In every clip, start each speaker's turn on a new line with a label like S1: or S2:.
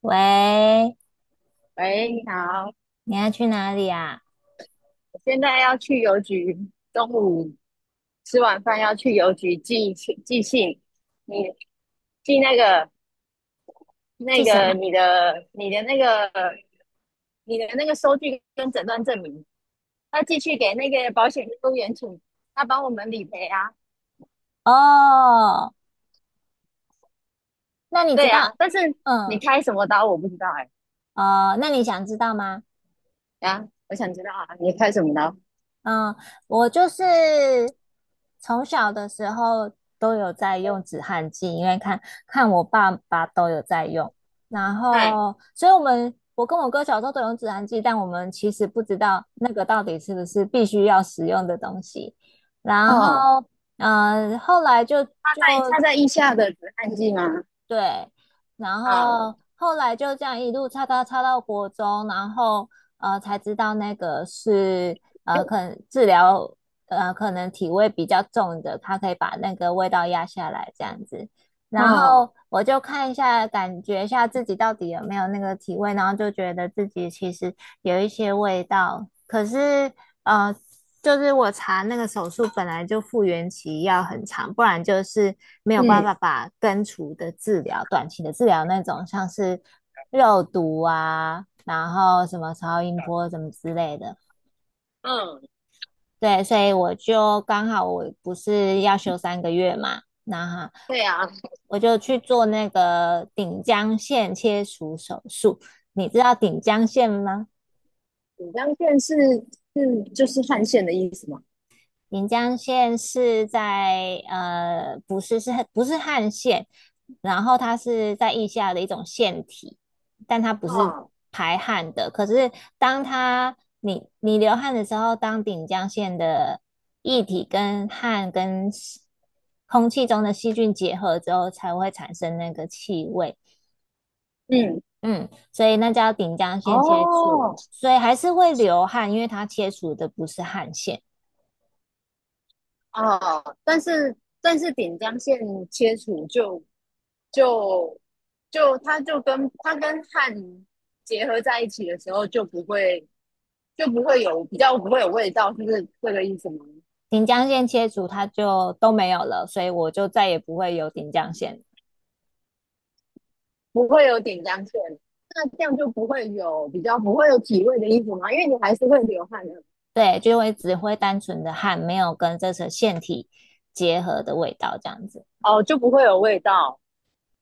S1: 喂，
S2: 喂，你好，
S1: 你要去哪里啊？
S2: 我现在要去邮局，中午吃完饭要去邮局寄信，你寄那个
S1: 去
S2: 那
S1: 什
S2: 个
S1: 么？
S2: 你的你的那个你的那个收据跟诊断证明，要寄去给那个保险业务员请他帮我们理赔啊。
S1: 哦，那你知
S2: 对啊，
S1: 道，
S2: 但是你
S1: 嗯，
S2: 开什么刀我不知道哎、
S1: 哦，那你想知道吗？
S2: 啊，我想知道啊，你开什么刀？
S1: 嗯，我就是从小的时候都有在用止汗剂，因为看我爸爸都有在用，然
S2: 哎，
S1: 后，所以我跟我哥小时候都有用止汗剂，但我们其实不知道那个到底是不是必须要使用的东西，然
S2: 哦，
S1: 后。嗯，后来就
S2: 他
S1: 就
S2: 在腋下的止汗剂吗？
S1: 对，然
S2: 啊，
S1: 后后来就这样一路插到国中，然后才知道那个是可能治疗可能体味比较重的，它可以把那个味道压下来这样子。然
S2: 哦，
S1: 后我就看一下，感觉一下自己到底有没有那个体味，然后就觉得自己其实有一些味道，可是呃，就是我查那个手术本来就复原期要很长，不然就是没有办
S2: 嗯
S1: 法把根除的治疗、短期的治疗那种，像是肉毒啊，然后什么超音波什么之类的。
S2: 嗯，
S1: 对，所以我就刚好我不是要休三个月嘛，那
S2: 对啊，
S1: 我就去做那个顶浆腺切除手术。你知道顶浆腺吗？
S2: 锦江县是是就是汗县的意思吗？
S1: 临江县是在不是是不是汗腺，然后它是在腋下的一种腺体，但它不是
S2: 哦，
S1: 排汗的。可是当它你流汗的时候，当顶江县的液体跟汗跟细空气中的细菌结合之后，才会产生那个气味。
S2: 嗯，
S1: 嗯，所以那叫顶江县切除，
S2: 哦，
S1: 所以还是会流汗，因为它切除的不是汗腺。
S2: 哦，但是锦江线切除就就它就跟它跟汗结合在一起的时候，就不会有不会有味道，是不是这个意思吗？
S1: 顶浆线切除，它就都没有了，所以我就再也不会有顶浆线。
S2: 不会有点浆线，那这样就不会有不会有体味的衣服吗？因为你还是会流汗的。
S1: 对，就会只会单纯的汗，没有跟这层腺体结合的味道这样子。
S2: 哦，就不会有味道。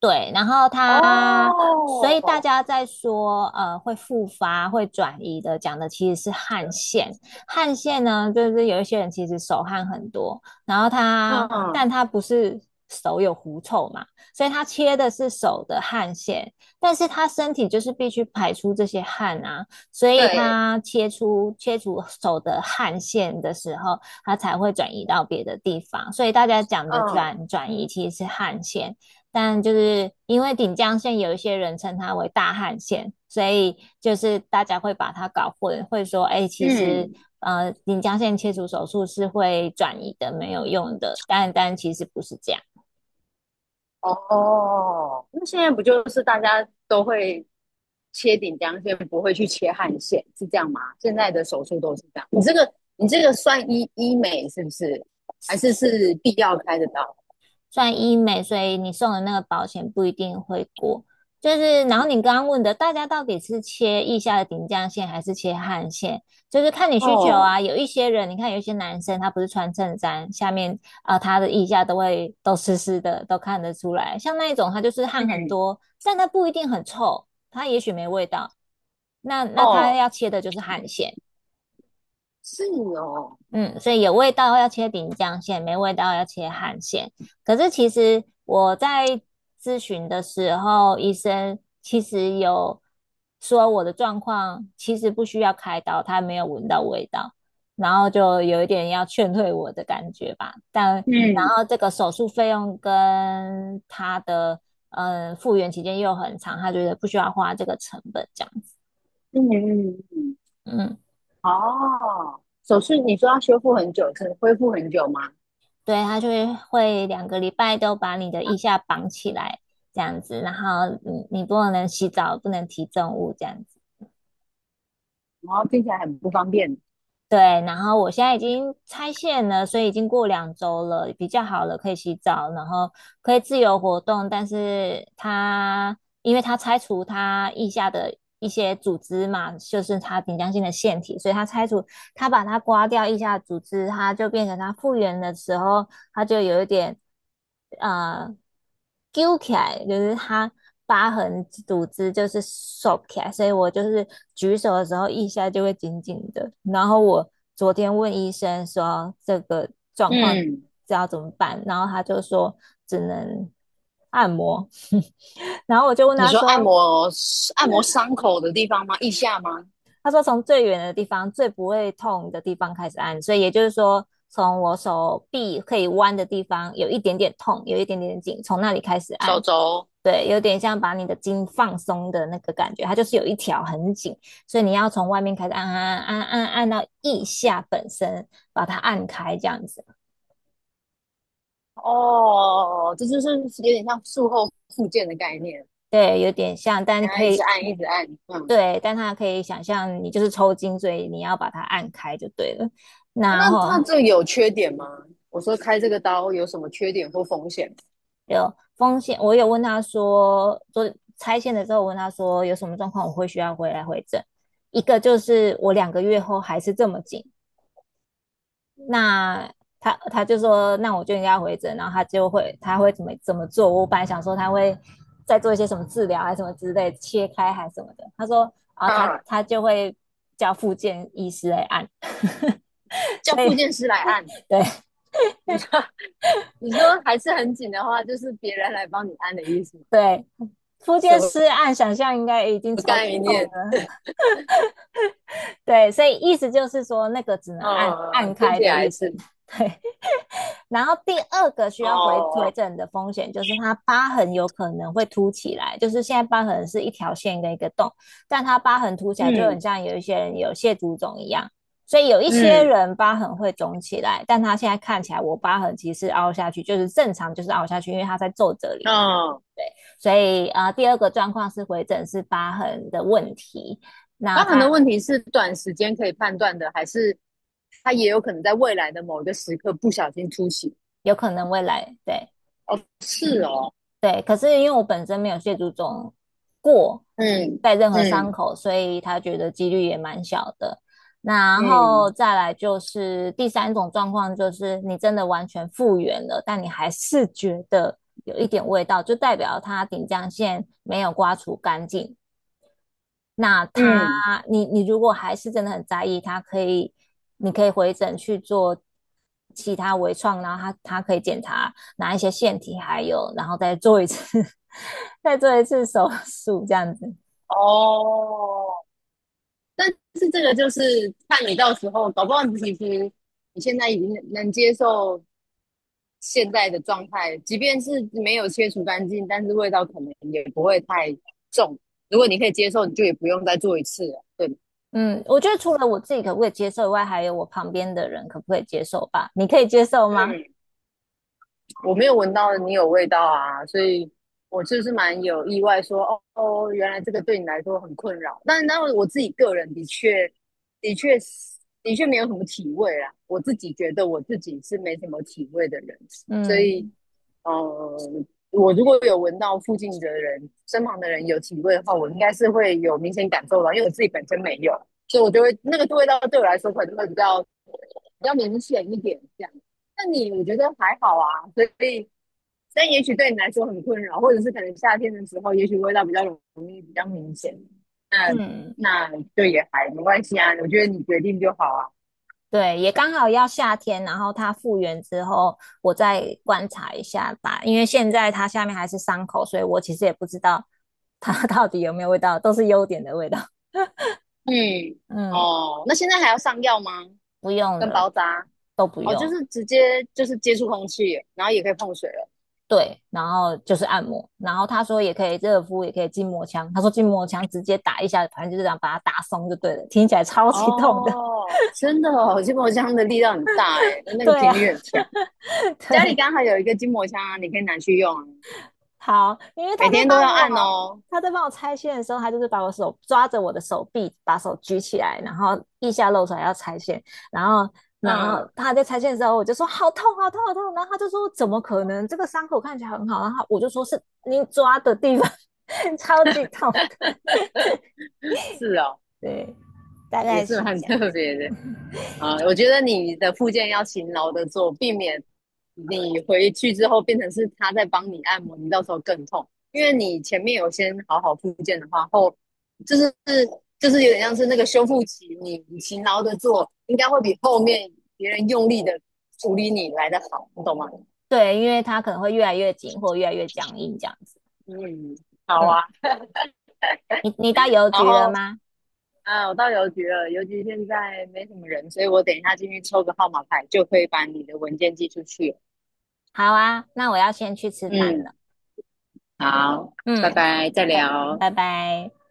S1: 对，然后他，所以大
S2: 哦，
S1: 家在说，会复发、会转移的，讲的其实是汗腺。汗腺呢，就是有一些人其实手汗很多，然后他，但
S2: 嗯，
S1: 他不是手有狐臭嘛，所以他切的是手的汗腺，但是他身体就是必须排出这些汗啊，所以
S2: 对，
S1: 他切除手的汗腺的时候，他才会转移到别的地方。所以大家讲的
S2: 嗯
S1: 转移其实是汗腺。但就是因为顶江县有一些人称它为大汉县，所以就是大家会把它搞混，会说，哎，欸其实
S2: 嗯，
S1: 顶江县切除手术是会转移的，没有用的，但其实不是这样。
S2: 哦，那现在不就是大家都会切顶梁线，不会去切汗腺，是这样吗？现在的手术都是这样。你这个算医美是不是？还是是必要开的刀？
S1: 算医美，所以你送的那个保险不一定会过。就是，然后你刚刚问的，大家到底是切腋下的顶降线还是切汗线，就是看你需求
S2: 哦，
S1: 啊。有一些人，你看有一些男生，他不是穿衬衫，下面啊、他的腋下都会都湿湿的，都看得出来。像那一种，他就是汗很
S2: 嗯，
S1: 多，但他不一定很臭，他也许没味道。那他
S2: 哦，
S1: 要切的就是汗腺。
S2: 是哦，
S1: 嗯，所以有味道要切饼酱线，没味道要切汗馅。可是其实我在咨询的时候，医生其实有说我的状况其实不需要开刀，他没有闻到味道，然后就有一点要劝退我的感觉吧。但然
S2: 嗯
S1: 后这个手术费用跟他的复原期间又很长，他觉得不需要花这个成本这样子。
S2: 嗯嗯嗯，
S1: 嗯。
S2: 哦，手术你说要修复很久，可能恢复很久吗？
S1: 对，他就会两个礼拜都把你的腋下绑起来，这样子，然后你不能洗澡，不能提重物，这样子。
S2: 然后听起来很不方便。
S1: 对，然后我现在已经拆线了，所以已经过两周了，比较好了，可以洗澡，然后可以自由活动。但是它因为它拆除它腋下的一些组织嘛，就是它顶浆性的腺体，所以它拆除它把它刮掉腋下的组织，它就变成它复原的时候，他就有一点呃揪起来，就是他疤痕组织就是收起来，所以我就是举手的时候一下就会紧紧的。然后我昨天问医生说这个状况
S2: 嗯，
S1: 知道怎么办，然后他就说只能按摩，然后我就问
S2: 你
S1: 他
S2: 说按
S1: 说。
S2: 摩按摩伤口的地方吗？腋下吗？
S1: 他说从最远的地方、最不会痛的地方开始按，所以也就是说，从我手臂可以弯的地方有一点点痛，有一点点紧，从那里开始
S2: 手
S1: 按。
S2: 肘？
S1: 对，有点像把你的筋放松的那个感觉，它就是有一条很紧，所以你要从外面开始按按到腋下本身，把它按开这样子。
S2: 哦，这就是有点像术后复健的概念，
S1: 对，有点像，但你
S2: 然后
S1: 可
S2: 一直
S1: 以
S2: 按，一直按。嗯，
S1: 对，但它可以想象你就是抽筋，所以你要把它按开就对了。然
S2: 那它
S1: 后
S2: 这有缺点吗？我说开这个刀有什么缺点或风险？
S1: 有风险，我有问他说，做拆线的时候我问他说有什么状况，我会需要回来回诊。一个就是我两个月后还是这么紧，那他就说那我就应该回诊，然后他会怎么做？我本来想说他会再做一些什么治疗还是什么之类，切开还是什么的。他说啊，他
S2: 啊，
S1: 他就会叫复健医师来按
S2: 叫
S1: 所以
S2: 复健师来按，
S1: 对
S2: 你说你说还是很紧的话，就是别人来帮你按的意思吗？
S1: 对，复
S2: 什
S1: 健
S2: 么
S1: 师按想象应该已经超级
S2: 概
S1: 痛
S2: 念？
S1: 对，所以意思就是说，那个只能按
S2: 呃，
S1: 按
S2: 听
S1: 开
S2: 起
S1: 的
S2: 来
S1: 意思。
S2: 是
S1: 对，然后第二个需要回回
S2: 哦，
S1: 诊的风险就是它疤痕有可能会凸起来，就是现在疤痕是一条线跟一个洞，但它疤痕凸起来就很
S2: 嗯
S1: 像有一些人有蟹足肿一样，所以有一些
S2: 嗯
S1: 人疤痕会肿起来，但他现在看起来我疤痕其实凹下去，就是正常就是凹下去，因为它在皱褶里
S2: 嗯，
S1: 面。
S2: 哦，
S1: 所以啊、第二个状况是回诊是疤痕的问题，那
S2: 包很
S1: 它
S2: 多问题是短时间可以判断的，还是它也有可能在未来的某一个时刻不小心突袭？
S1: 有可能未来对。
S2: 哦，是哦，
S1: 对，可是因为我本身没有蟹足肿过，
S2: 嗯
S1: 带任何伤
S2: 嗯
S1: 口，所以他觉得几率也蛮小的。然
S2: 嗯
S1: 后再来就是第三种状况，就是你真的完全复原了，但你还是觉得有一点味道，就代表它顶浆腺没有刮除干净。那它，
S2: 嗯，
S1: 你如果还是真的很在意，它可以，你可以回诊去做其他微创，然后他可以检查哪一些腺体还有，然后再做一次 再做一次手术这样子。
S2: 哦，但是这个就是看你到时候，搞不好你其实你现在已经能接受现在的状态，即便是没有切除干净，但是味道可能也不会太重。如果你可以接受，你就也不用再做一次了。对，
S1: 嗯，我觉得除了我自己可不可以接受以外，还有我旁边的人可不可以接受吧？你可以接受吗？
S2: 我没有闻到你有味道啊，所以我就是蛮有意外说，哦，哦，原来这个对你来说很困扰。但我自己个人的确，的确的确没有什么体味啦。我自己觉得我自己是没什么体味的人，所以
S1: 嗯，
S2: 呃，我如果有闻到附近的人、身旁的人有体味的话，我应该是会有明显感受到，因为我自己本身没有，所以我就会那个味道对我来说可能会比较明显一点这样。那你我觉得还好啊，所以但也许对你来说很困扰，或者是可能夏天的时候，也许味道比较容易比较明显。那
S1: 嗯，
S2: 那就也还没关系啊，我觉得你决定就好啊。
S1: 对，也刚好要夏天，然后它复原之后，我再观察一下吧。因为现在它下面还是伤口，所以我其实也不知道它 到底有没有味道，都是优点的味道。
S2: 嗯，
S1: 嗯，
S2: 哦，那现在还要上药吗？
S1: 不用
S2: 跟
S1: 了，
S2: 包扎？
S1: 都不
S2: 哦，就
S1: 用。
S2: 是直接就是接触空气，然后也可以碰水了。
S1: 对，然后就是按摩，然后他说也可以热敷，也可以筋膜枪。他说筋膜枪直接打一下，反正就是这样把它打松就对了。听起来超级痛的，
S2: 哦，真的哦，筋膜枪的力量很大哎，那个
S1: 对啊，
S2: 频率很强。家里
S1: 对，
S2: 刚好有一个筋膜枪啊，你可以拿去用啊，
S1: 好，因为他
S2: 每
S1: 在
S2: 天都
S1: 帮
S2: 要
S1: 我，
S2: 按哦。
S1: 他在帮我拆线的时候，他就是把我手抓着我的手臂，把手举起来，然后腋下露出来要拆线，然后。然后
S2: 嗯，
S1: 他在拆线的时候，我就说好痛，好痛，好痛。然后他就说怎么可能？这个伤口看起来很好。然后我就说是你抓的地方 超级痛的。
S2: 是哦，
S1: 对，大
S2: 也
S1: 概
S2: 是
S1: 是
S2: 蛮
S1: 这样子。
S2: 特别的。啊、我觉得你的复健要勤劳的做，避免你回去之后变成是他在帮你按摩，你到时候更痛。因为你前面有先好好复健的话，后就是就是有点像是那个修复期，你勤劳的做，应该会比后面别人用力的处理你来的好，你懂吗？
S1: 对，因为它可能会越来越紧或越来越僵硬这样子。
S2: 嗯，好
S1: 嗯，
S2: 啊。
S1: 你到邮
S2: 然
S1: 局了
S2: 后
S1: 吗？
S2: 啊，我到邮局了，邮局现在没什么人，所以我等一下进去抽个号码牌，就可以把你的文件寄出去。
S1: 好啊，那我要先去吃饭
S2: 嗯。
S1: 了。
S2: 好，拜
S1: 嗯，
S2: 拜，再
S1: 拜
S2: 聊。
S1: 拜拜。